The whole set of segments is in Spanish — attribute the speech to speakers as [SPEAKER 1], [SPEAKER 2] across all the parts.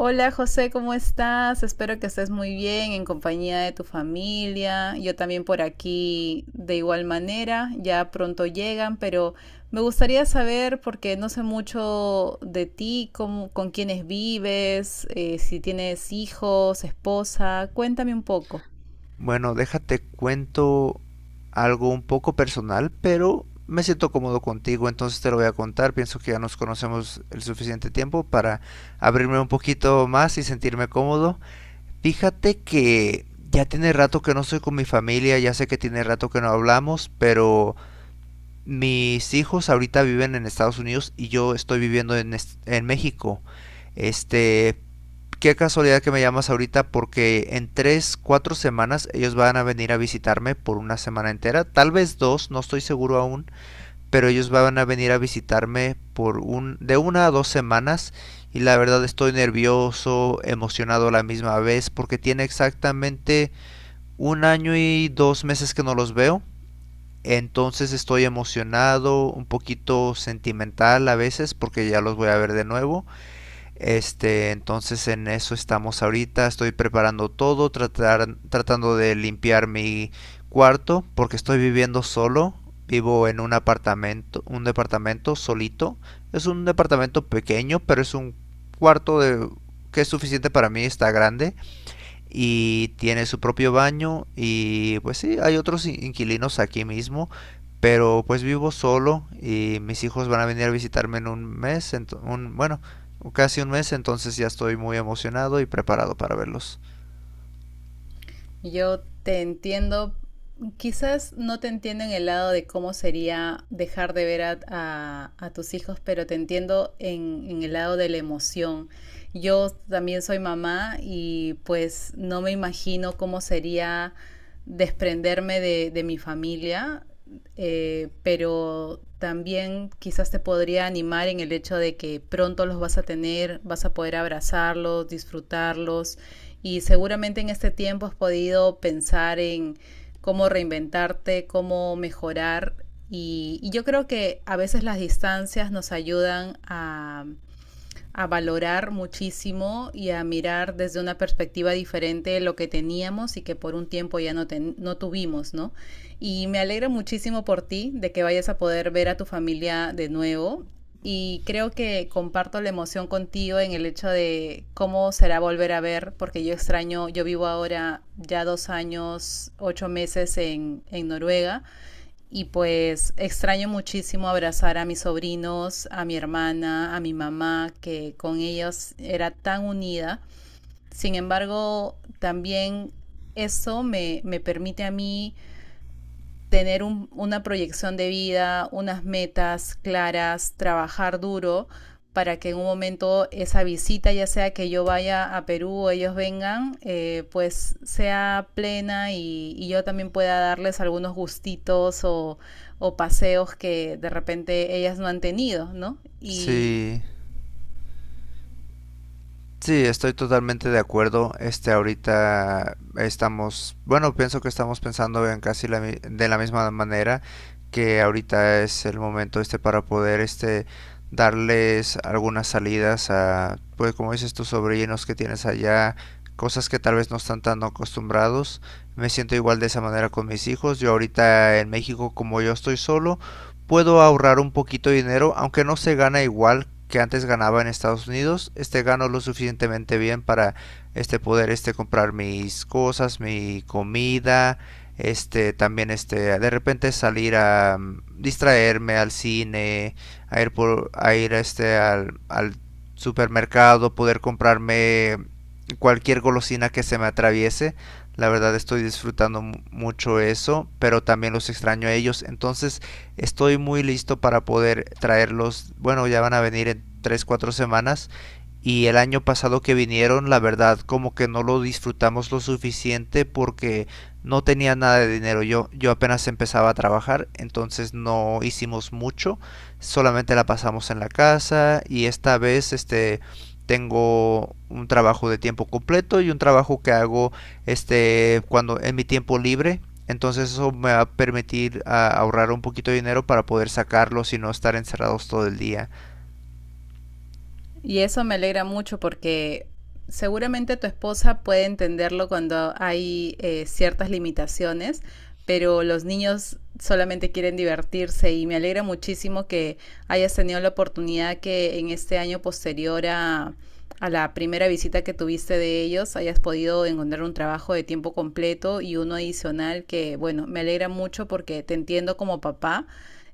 [SPEAKER 1] Hola José, ¿cómo estás? Espero que estés muy bien en compañía de tu familia. Yo también por aquí de igual manera, ya pronto llegan, pero me gustaría saber, porque no sé mucho de ti, con quiénes vives, si tienes hijos, esposa, cuéntame un poco.
[SPEAKER 2] Bueno, déjate cuento algo un poco personal, pero me siento cómodo contigo, entonces te lo voy a contar. Pienso que ya nos conocemos el suficiente tiempo para abrirme un poquito más y sentirme cómodo. Fíjate que ya tiene rato que no estoy con mi familia, ya sé que tiene rato que no hablamos, pero mis hijos ahorita viven en Estados Unidos y yo estoy viviendo en, en México. Este, Qué casualidad que me llamas ahorita porque en 3, 4 semanas ellos van a venir a visitarme por una semana entera, tal vez dos, no estoy seguro aún, pero ellos van a venir a visitarme por un de una a 2 semanas y la verdad estoy nervioso, emocionado a la misma vez porque tiene exactamente un año y 2 meses que no los veo. Entonces estoy emocionado, un poquito sentimental a veces porque ya los voy a ver de nuevo, entonces en eso estamos ahorita. Estoy preparando todo, tratando de limpiar mi cuarto porque estoy viviendo solo. Vivo en un apartamento, un departamento solito. Es un departamento pequeño, pero es un cuarto de, que es suficiente para mí, está grande y tiene su propio baño. Y pues sí, hay otros inquilinos aquí mismo, pero pues vivo solo y mis hijos van a venir a visitarme en un mes, en un, bueno, casi un mes, entonces ya estoy muy emocionado y preparado para verlos.
[SPEAKER 1] Yo te entiendo, quizás no te entiendo en el lado de cómo sería dejar de ver a tus hijos, pero te entiendo en el lado de la emoción. Yo también soy mamá y pues no me imagino cómo sería desprenderme de mi familia, pero también quizás te podría animar en el hecho de que pronto los vas a tener, vas a poder abrazarlos, disfrutarlos, y seguramente en este tiempo has podido pensar en cómo reinventarte, cómo mejorar, y yo creo que a veces las distancias nos ayudan a valorar muchísimo y a mirar desde una perspectiva diferente de lo que teníamos y que por un tiempo no tuvimos, ¿no? Me alegra muchísimo por ti de que vayas a poder ver a tu familia de nuevo, y creo que comparto la emoción contigo en el hecho de cómo será volver a ver, porque yo extraño, yo vivo ahora ya 2 años, 8 meses en Noruega, y pues extraño muchísimo abrazar a mis sobrinos, a mi hermana, a mi mamá, que con ellos era tan unida. Sin embargo, también eso me permite a mí tener una proyección de vida, unas metas claras, trabajar duro para que en un momento esa visita, ya sea que yo vaya a Perú o ellos vengan, pues sea plena y yo también pueda darles algunos gustitos o paseos que de repente ellas no han tenido, ¿no?
[SPEAKER 2] Sí, sí, estoy totalmente de acuerdo. Ahorita estamos, bueno, pienso que estamos pensando en casi de la misma manera, que ahorita es el momento para poder darles algunas salidas a, pues como dices, tus sobrinos que tienes allá, cosas que tal vez no están tan acostumbrados. Me siento igual de esa manera con mis hijos. Yo ahorita en México, como yo estoy solo, puedo ahorrar un poquito de dinero, aunque no se gana igual que antes ganaba en Estados Unidos. Gano lo suficientemente bien para poder comprar mis cosas, mi comida, también de repente salir a distraerme al cine, a ir al supermercado, poder comprarme cualquier golosina que se me atraviese. La verdad estoy disfrutando mucho eso, pero también los extraño a ellos. Entonces, estoy muy listo para poder traerlos. Bueno, ya van a venir en 3, 4 semanas y el año pasado que vinieron, la verdad, como que no lo disfrutamos lo suficiente porque no tenía nada de dinero. Yo apenas empezaba a trabajar, entonces no hicimos mucho, solamente la pasamos en la casa. Y esta vez tengo un trabajo de tiempo completo y un trabajo que hago cuando en mi tiempo libre, entonces eso me va a permitir ahorrar un poquito de dinero para poder sacarlo y no estar encerrados todo el día.
[SPEAKER 1] Y eso me alegra mucho porque seguramente tu esposa puede entenderlo cuando hay ciertas limitaciones, pero los niños solamente quieren divertirse y me alegra muchísimo que hayas tenido la oportunidad que en este año posterior a la primera visita que tuviste de ellos hayas podido encontrar un trabajo de tiempo completo y uno adicional que, bueno, me alegra mucho porque te entiendo como papá,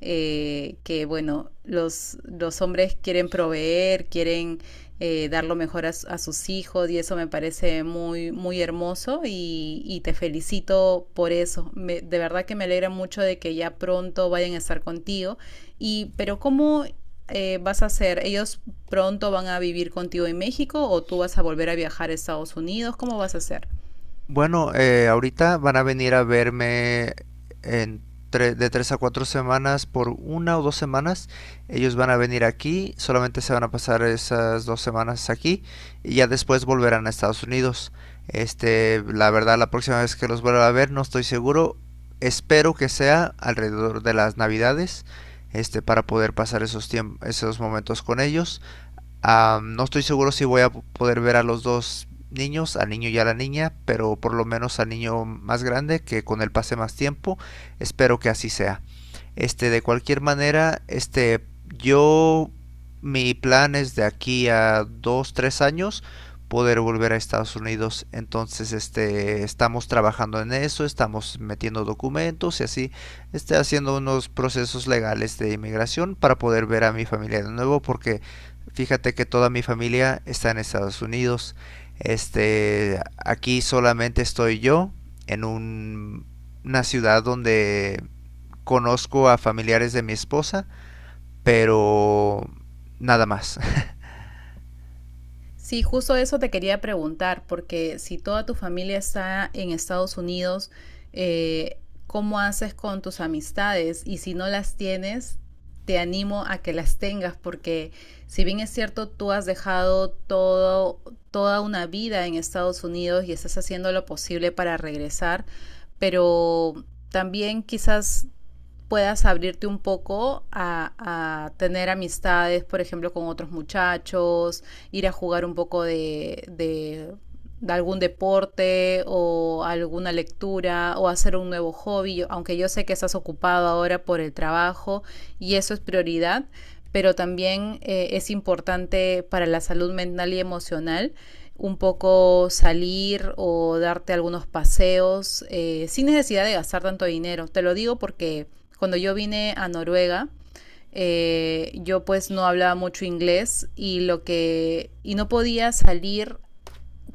[SPEAKER 1] que bueno, los hombres quieren proveer, quieren, dar lo mejor a sus hijos y eso me parece muy, muy hermoso y te felicito por eso. De verdad que me alegra mucho de que ya pronto vayan a estar contigo. Y, pero ¿cómo, vas a hacer? ¿Ellos pronto van a vivir contigo en México o tú vas a volver a viajar a Estados Unidos? ¿Cómo vas a hacer?
[SPEAKER 2] Bueno, ahorita van a venir a verme en de 3 a 4 semanas, por una o 2 semanas. Ellos van a venir aquí, solamente se van a pasar esas 2 semanas aquí y ya después volverán a Estados Unidos. La verdad, la próxima vez que los vuelva a ver, no estoy seguro. Espero que sea alrededor de las Navidades, para poder pasar esos tiempos, esos momentos con ellos. Ah, no estoy seguro si voy a poder ver a los dos niños, al niño y a la niña, pero por lo menos al niño más grande, que con él pase más tiempo, espero que así sea. De cualquier manera, yo, mi plan es de aquí a 2, 3 años poder volver a Estados Unidos. Entonces, estamos trabajando en eso, estamos metiendo documentos y así, haciendo unos procesos legales de inmigración para poder ver a mi familia de nuevo, porque fíjate que toda mi familia está en Estados Unidos. Aquí solamente estoy yo en una ciudad donde conozco a familiares de mi esposa, pero nada más.
[SPEAKER 1] Sí, justo eso te quería preguntar, porque si toda tu familia está en Estados Unidos, eh, ¿cómo haces con tus amistades? Y si no las tienes, te animo a que las tengas, porque si bien es cierto, tú has dejado todo, toda una vida en Estados Unidos y estás haciendo lo posible para regresar, pero también quizás puedas abrirte un poco tener amistades, por ejemplo, con otros muchachos, ir a jugar un poco algún deporte o alguna lectura o hacer un nuevo hobby, aunque yo sé que estás ocupado ahora por el trabajo y eso es prioridad, pero también, es importante para la salud mental y emocional un poco salir o darte algunos paseos, sin necesidad de gastar tanto dinero. Te lo digo porque cuando yo vine a Noruega, yo pues no hablaba mucho inglés y lo que y no podía salir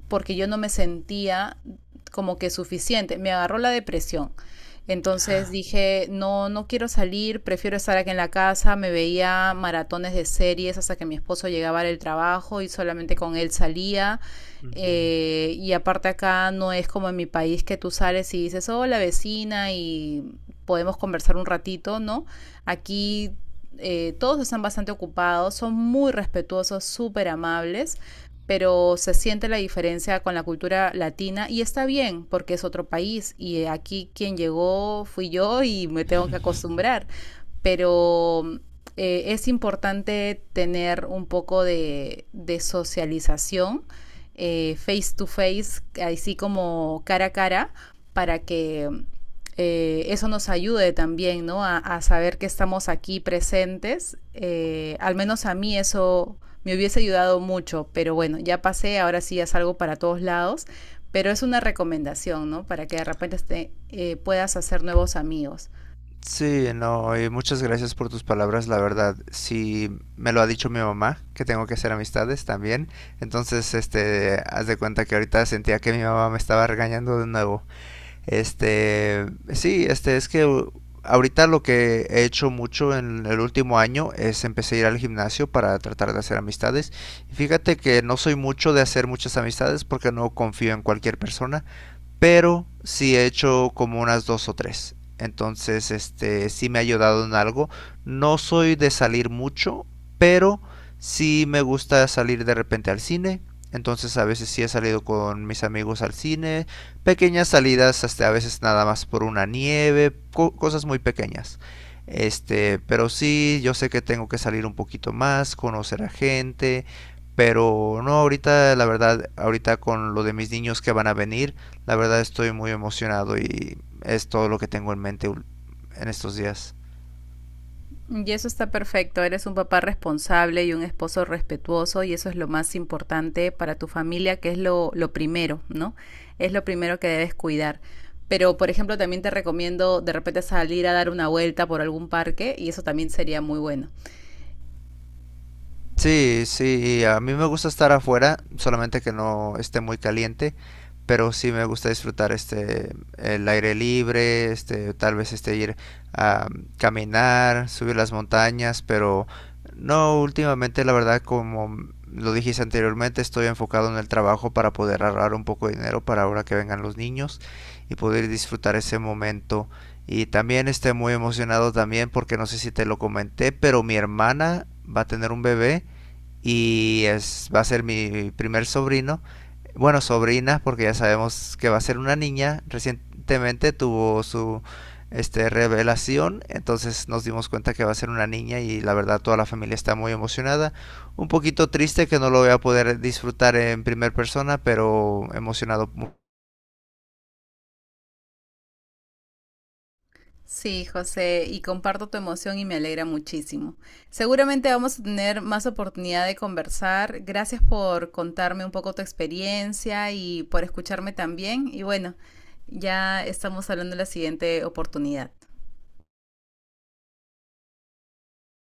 [SPEAKER 1] porque yo no me sentía como que suficiente. Me agarró la depresión. Entonces dije, no, no quiero salir, prefiero estar aquí en la casa. Me veía maratones de series hasta que mi esposo llegaba del trabajo y solamente con él salía. Y aparte acá no es como en mi país que tú sales y dices, hola vecina, y podemos conversar un ratito, ¿no? Aquí, todos están bastante ocupados, son muy respetuosos, súper amables, pero se siente la diferencia con la cultura latina y está bien porque es otro país y aquí quien llegó fui yo y me tengo que acostumbrar, pero, es importante tener un poco de socialización, face to face, así como cara a cara, para que, eso nos ayude también, ¿no? A saber que estamos aquí presentes. Al menos a mí eso me hubiese ayudado mucho, pero bueno, ya pasé, ahora sí ya salgo para todos lados, pero es una recomendación, ¿no? Para que de repente te, puedas hacer nuevos amigos.
[SPEAKER 2] Sí, no, y muchas gracias por tus palabras, la verdad. Sí, me lo ha dicho mi mamá, que tengo que hacer amistades también. Entonces, haz de cuenta que ahorita sentía que mi mamá me estaba regañando de nuevo. Este, sí, es que, ahorita lo que he hecho mucho en el último año es empecé a ir al gimnasio para tratar de hacer amistades. Y fíjate que no soy mucho de hacer muchas amistades porque no confío en cualquier persona, pero sí he hecho como unas dos o tres. Entonces, sí me ha ayudado en algo. No soy de salir mucho, pero sí me gusta salir de repente al cine. Entonces, a veces sí he salido con mis amigos al cine. Pequeñas salidas, hasta a veces nada más por una nieve, cosas muy pequeñas. Pero sí, yo sé que tengo que salir un poquito más, conocer a gente, pero no ahorita, la verdad, ahorita con lo de mis niños que van a venir, la verdad estoy muy emocionado y es todo lo que tengo en mente en estos días.
[SPEAKER 1] Y eso está perfecto, eres un papá responsable y un esposo respetuoso y eso es lo más importante para tu familia, que es lo primero, ¿no? Es lo primero que debes cuidar. Pero, por ejemplo, también te recomiendo de repente salir a dar una vuelta por algún parque y eso también sería muy bueno.
[SPEAKER 2] Sí, sí, a mí me gusta estar afuera, solamente que no esté muy caliente, pero sí me gusta disfrutar el aire libre, tal vez ir a caminar, subir las montañas, pero no últimamente, la verdad, como lo dijiste anteriormente, estoy enfocado en el trabajo para poder ahorrar un poco de dinero para ahora que vengan los niños y poder disfrutar ese momento. Y también estoy muy emocionado también porque no sé si te lo comenté, pero mi hermana va a tener un bebé y es, va a ser mi primer sobrino. Bueno, sobrina, porque ya sabemos que va a ser una niña. Recientemente tuvo su revelación, entonces nos dimos cuenta que va a ser una niña y la verdad toda la familia está muy emocionada. Un poquito triste que no lo voy a poder disfrutar en primera persona, pero emocionado
[SPEAKER 1] Sí, José, y comparto tu emoción y me alegra muchísimo. Seguramente vamos a tener más oportunidad de conversar. Gracias por contarme un poco tu experiencia y por escucharme también. Y bueno, ya estamos hablando de la siguiente oportunidad.